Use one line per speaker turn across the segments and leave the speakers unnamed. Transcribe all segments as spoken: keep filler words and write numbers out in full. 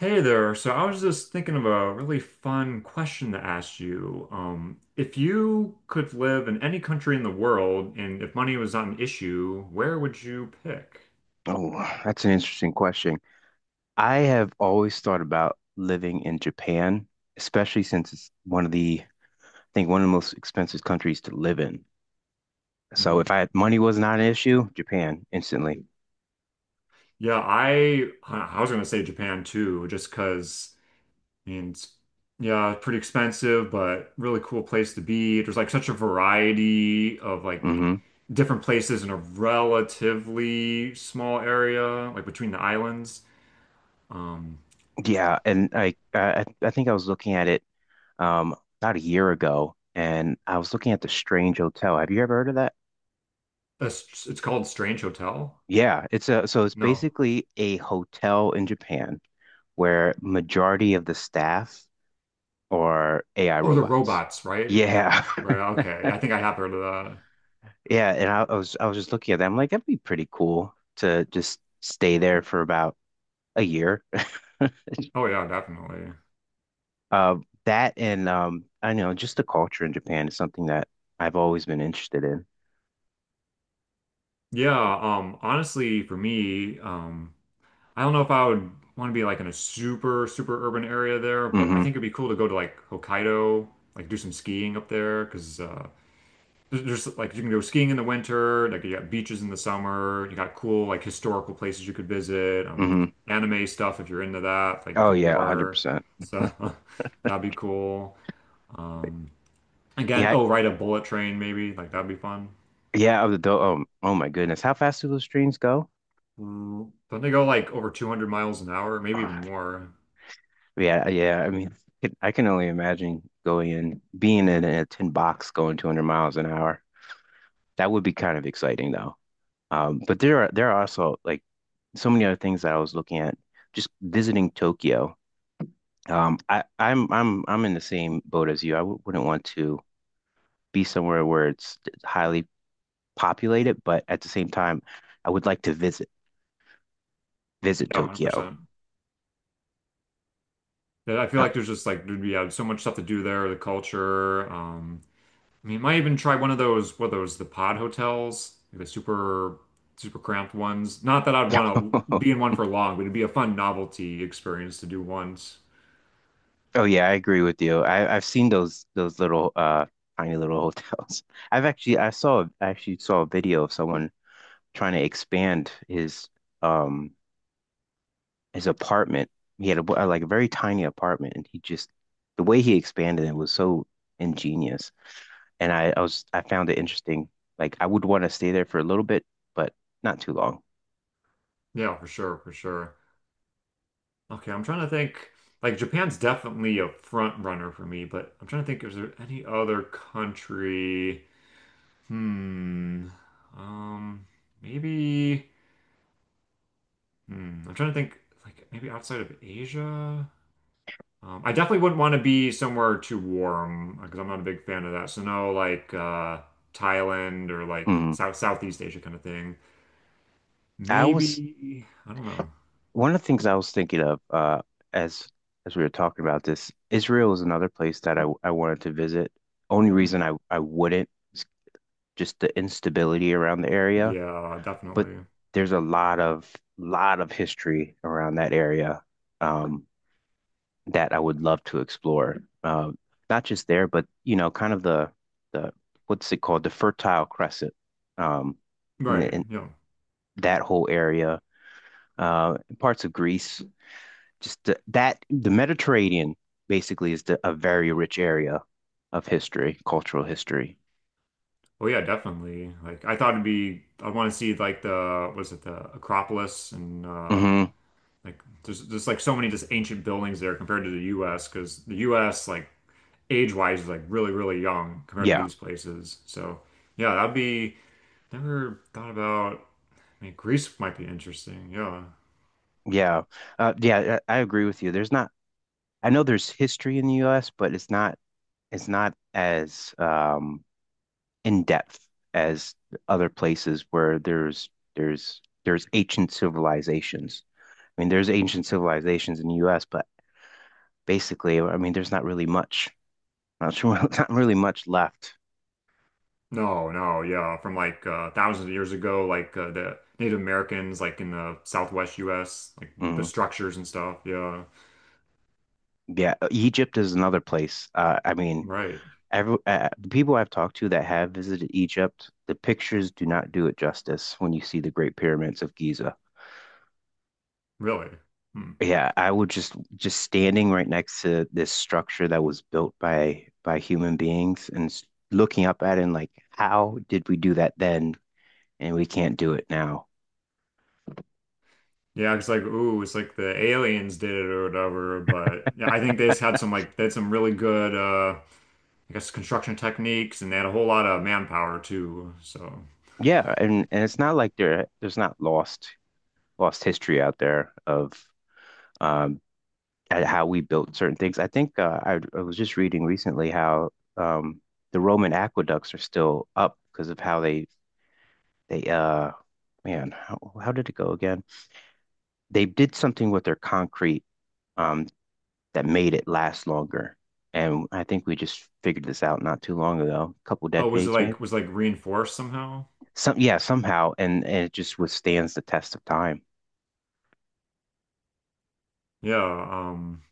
Hey there. So I was just thinking of a really fun question to ask you. Um, if you could live in any country in the world and if money was not an issue, where would you pick?
Oh, that's an interesting question. I have always thought about living in Japan, especially since it's one of the, I think one of the most expensive countries to live in. So if
Hmm.
I had money was not an issue, Japan instantly.
Yeah, I I was gonna say Japan too, just because I mean, it's, yeah, it's pretty expensive, but really cool place to be. There's like such a variety of like
Mhm.
different places in a relatively small area, like between the islands. Um,
Yeah, and I, I I think I was looking at it um about a year ago, and I was looking at the Strange Hotel. Have you ever heard of that?
A s- it's called Strange Hotel?
Yeah, it's a so it's
No.
basically a hotel in Japan where majority of the staff are A I
Oh, the
robots.
robots, right?
Yeah,
Right, okay. I think I have heard of that.
yeah, and I, I was I was just looking at that. I'm like, that'd be pretty cool to just stay there for about a year.
Oh yeah, definitely.
Uh, that and um, I know just the culture in Japan is something that I've always been interested in.
Yeah, um, honestly, for me, um, I don't know if I would want to be like in a super, super urban area there, but I
Mm-hmm.
think it'd be cool to go to like Hokkaido, like do some skiing up there, because uh, there's like you can go skiing in the winter, like you got beaches in the summer, you got cool like historical places you could visit, um,
Hmm.
anime stuff if you're into that, like
Oh yeah,
galore.
one hundred percent.
So that'd be cool. Um, again,
Yeah,
oh, ride a bullet train maybe, like that'd be fun.
yeah, of the do um, oh my goodness. How fast do those trains go?
Mm. Don't they go like over two hundred miles an hour, maybe even
Ah,
more?
yeah, yeah. I mean, it, I can only imagine going in being in a tin box going two hundred miles an hour. That would be kind of exciting though. Um, but there are there are also like so many other things that I was looking at just visiting Tokyo. Um, I I'm I'm I'm in the same boat as you. I w wouldn't want to be somewhere where it's highly populated, but at the same time, I would like to visit visit
Yeah,
Tokyo.
one hundred percent. Yeah, I feel
Uh,
like there's just like there'd be yeah, so much stuff to do there, the culture, um, I mean, you might even try one of those, what are those, the pod hotels, the super, super cramped ones. Not that I'd want to
oh
be in one for long, but it'd be a fun novelty experience to do once.
yeah, I agree with you. I I've seen those those little uh tiny little hotels. I've actually I saw I actually saw a video of someone trying to expand his um his apartment. He had a like a very tiny apartment, and he just the way he expanded it was so ingenious. And I I was I found it interesting. Like I would want to stay there for a little bit, but not too long.
Yeah, for sure, for sure. Okay, I'm trying to think. Like Japan's definitely a front runner for me, but I'm trying to think, is there any other country? Hmm. Um, maybe. Hmm. I'm trying to think, like maybe outside of Asia. Um, I definitely wouldn't want to be somewhere too warm because I'm not a big fan of that. So no, like uh, Thailand or like
Mhm.
South Southeast Asia kind of thing.
I was.
Maybe I don't know.
One of the things I was thinking of uh, as as we were talking about this, Israel is another place that I, I wanted to visit. Only
Mhm.
reason I, I wouldn't is just the instability around the area,
Yeah,
but
definitely.
there's a lot of lot of history around that area, um, that I would love to explore. Um, not just there, but you know, kind of the the what's it called, the Fertile Crescent, um, and,
Right.
and
Yeah.
that whole area, uh, parts of Greece. Just the, that the Mediterranean basically is the, a very rich area of history, cultural history.
Oh yeah, definitely. Like I thought it'd be. I want to see like the was it the Acropolis and uh,
Hmm.
like there's there's like so many just ancient buildings there compared to the U S because the U S like age-wise is like really really young compared to
Yeah,
these places. So. Yeah, that'd be. Never thought about. I mean, Greece might be interesting. Yeah.
yeah, uh, yeah. I, I agree with you. There's not. I know there's history in the U S, but it's not. it's not as um, in depth as other places where there's there's there's ancient civilizations. I mean, there's ancient civilizations in the U S, but basically, I mean, there's not really much, not, not really much left.
No, no, yeah. From like uh, thousands of years ago, like uh, the Native Americans, like in the Southwest U S, like the
Mm.
structures and stuff. Yeah.
Yeah, Egypt is another place. Uh, I mean,
Right.
every uh, the people I've talked to that have visited Egypt, the pictures do not do it justice when you see the Great Pyramids of Giza.
Really. Hmm.
Yeah, I would just just standing right next to this structure that was built by by human beings and s- looking up at it and like, how did we do that then and we can't do it now?
Yeah, it's like, ooh, it's like the aliens did it or whatever. But yeah, I think they just had some like they had some really good, uh, I guess, construction techniques, and they had a whole lot of manpower too. So,
Yeah, and and it's not like there there's not lost lost history out there of um at how we built certain things. I think uh, I, I was just reading recently how um, the Roman aqueducts are still up because of how they they uh man how, how did it go again? They did something with their concrete, um, that made it last longer, and I think we just figured this out not too long ago, a couple
oh, was it
decades
like
maybe.
was it like reinforced somehow?
Some yeah somehow, and, and it just withstands the test of time.
Yeah. um,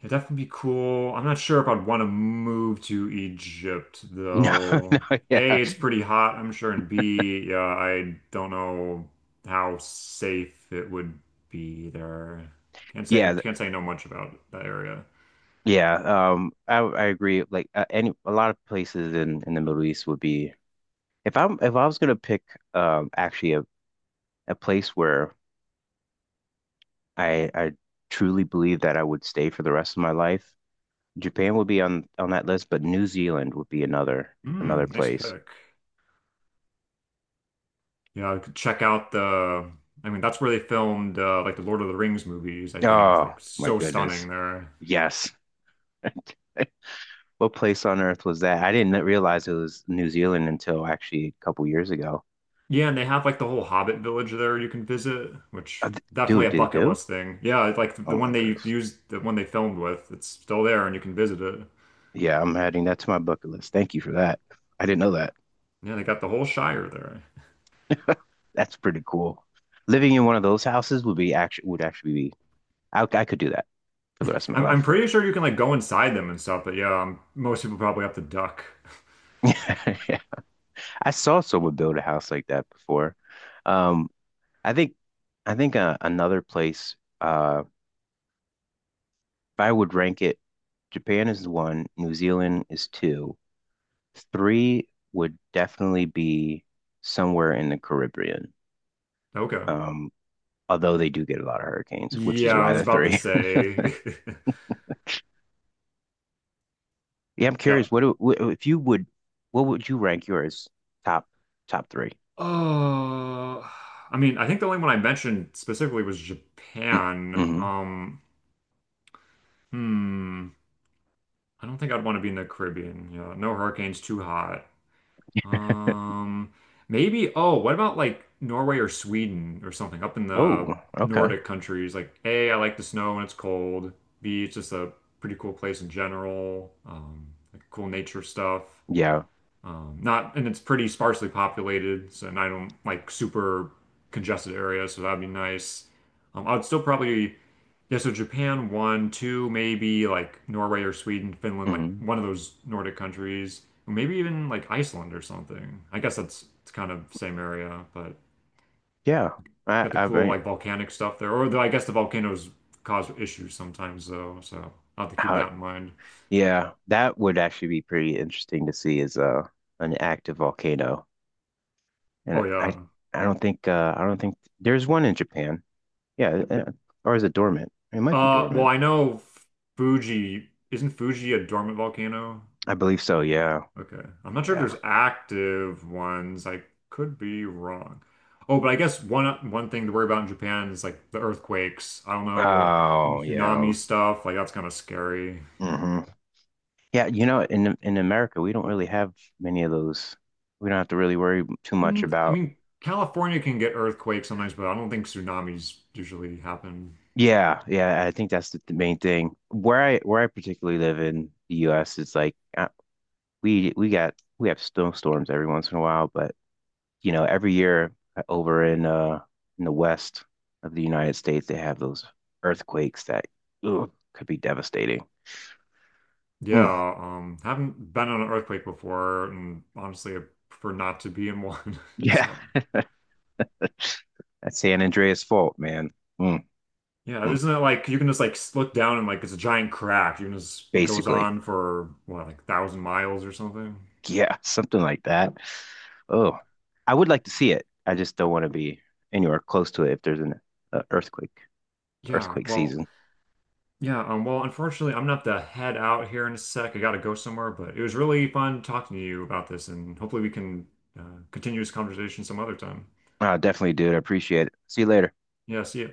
It'd definitely be cool. I'm not sure if I'd want to move to Egypt
No,
though.
no, yeah,
A, it's pretty hot, I'm sure, and B, yeah, I don't know how safe it would be there. Can't say
yeah.
can't say I know much about that area.
Yeah, um, I I agree. Like uh, any a lot of places in in the Middle East would be if I'm if I was gonna pick um actually a, a place where I I truly believe that I would stay for the rest of my life, Japan would be on on that list, but New Zealand would be another another
Hmm, nice
place.
pick. Yeah, I could check out the. I mean, that's where they filmed uh, like the Lord of the Rings movies, I think.
Oh
Like
my
so
goodness,
stunning there.
yes. What place on earth was that? I didn't realize it was New Zealand until actually a couple years ago.
Yeah, and they have like the whole Hobbit village there you can visit,
Uh,
which
d-
definitely
dude,
a
did it
bucket
do?
list thing. Yeah, it's like
Oh
the
my
one they
goodness.
used, the one they filmed with, it's still there and you can visit it.
Yeah, I'm adding that to my bucket list. Thank you for that. I didn't know that.
Yeah, they got the whole Shire there.
That's pretty cool. Living in one of those houses would be actually would actually be I, I could do that for the rest of my
I'm I'm
life.
pretty sure you can like go inside them and stuff, but yeah, um, most people probably have to duck.
I saw someone build a house like that before. Um, I think I think uh, another place, uh, if I would rank it, Japan is one, New Zealand is two, three would definitely be somewhere in the Caribbean.
Okay.
Um, although they do get a lot of hurricanes, which
Yeah,
is
I
why
was
they're
about to
three.
say.
Yeah, I'm
Yeah.
curious. What, do- wh- if you would? What would you rank yours top top three?
Oh, I mean, I think the only one I mentioned specifically was Japan.
Mm-hmm.
Um, hmm. I don't think I'd want to be in the Caribbean. Yeah, no hurricanes, too hot. Um, maybe, oh, what about like Norway or Sweden or something up in
Oh,
the
okay.
Nordic countries? Like, A, I like the snow when it's cold. B, it's just a pretty cool place in general. Um, like cool nature stuff.
Yeah,
Um, not, and it's pretty sparsely populated, so and I don't like super congested areas, so that'd be nice. Um, I'd still probably yeah, so Japan one, two, maybe like Norway or Sweden, Finland, like
hmm
one of those Nordic countries, or maybe even like Iceland or something. I guess that's it's kind of same area, but
yeah. I
got the
I
cool
mean,
like volcanic stuff there. Or though I guess the volcanoes cause issues sometimes though, so I'll have to keep
how,
that in mind.
yeah. That would actually be pretty interesting to see as uh an active volcano. And
Oh
I
yeah.
I don't think uh I don't think there's one in Japan. Yeah, uh, or is it dormant? It might be
Uh, well,
dormant.
I know Fuji, isn't Fuji a dormant volcano?
I believe so. Yeah,
Okay. I'm not sure if there's
yeah.
active ones. I could be wrong. Oh, but I guess one one thing to worry about in Japan is like the earthquakes. I don't know, and the
Oh, yeah.
tsunami stuff. Like that's kind of scary.
Hmm. Yeah, you know, in in America, we don't really have many of those. We don't have to really worry too much
Mm, I
about.
mean, California can get earthquakes sometimes, but I don't think tsunamis usually happen.
Yeah, yeah, I think that's the, the main thing. Where I where I particularly live in the U S is like uh, we we got we have snowstorms every once in a while, but you know, every year uh, over in uh in the west of the United States, they have those earthquakes that ugh, could be devastating. Mm.
Yeah, um, haven't been on an earthquake before, and honestly, I prefer not to be in one.
Yeah,
So.
that's San Andreas fault, man. Mm,
Yeah,
mm,
isn't it like you can just like look down and like it's a giant crack. You can just it goes
basically.
on for what like thousand miles or something.
Yeah, something like that. Oh, I would like to see it. I just don't want to be anywhere close to it if there's an uh, earthquake,
Yeah,
earthquake
well,
season.
yeah, um, well, unfortunately, I'm gonna have to head out here in a sec. I gotta go somewhere, but it was really fun talking to you about this, and hopefully we can uh, continue this conversation some other time.
I'll definitely do it. I appreciate it. See you later.
Yeah, see ya.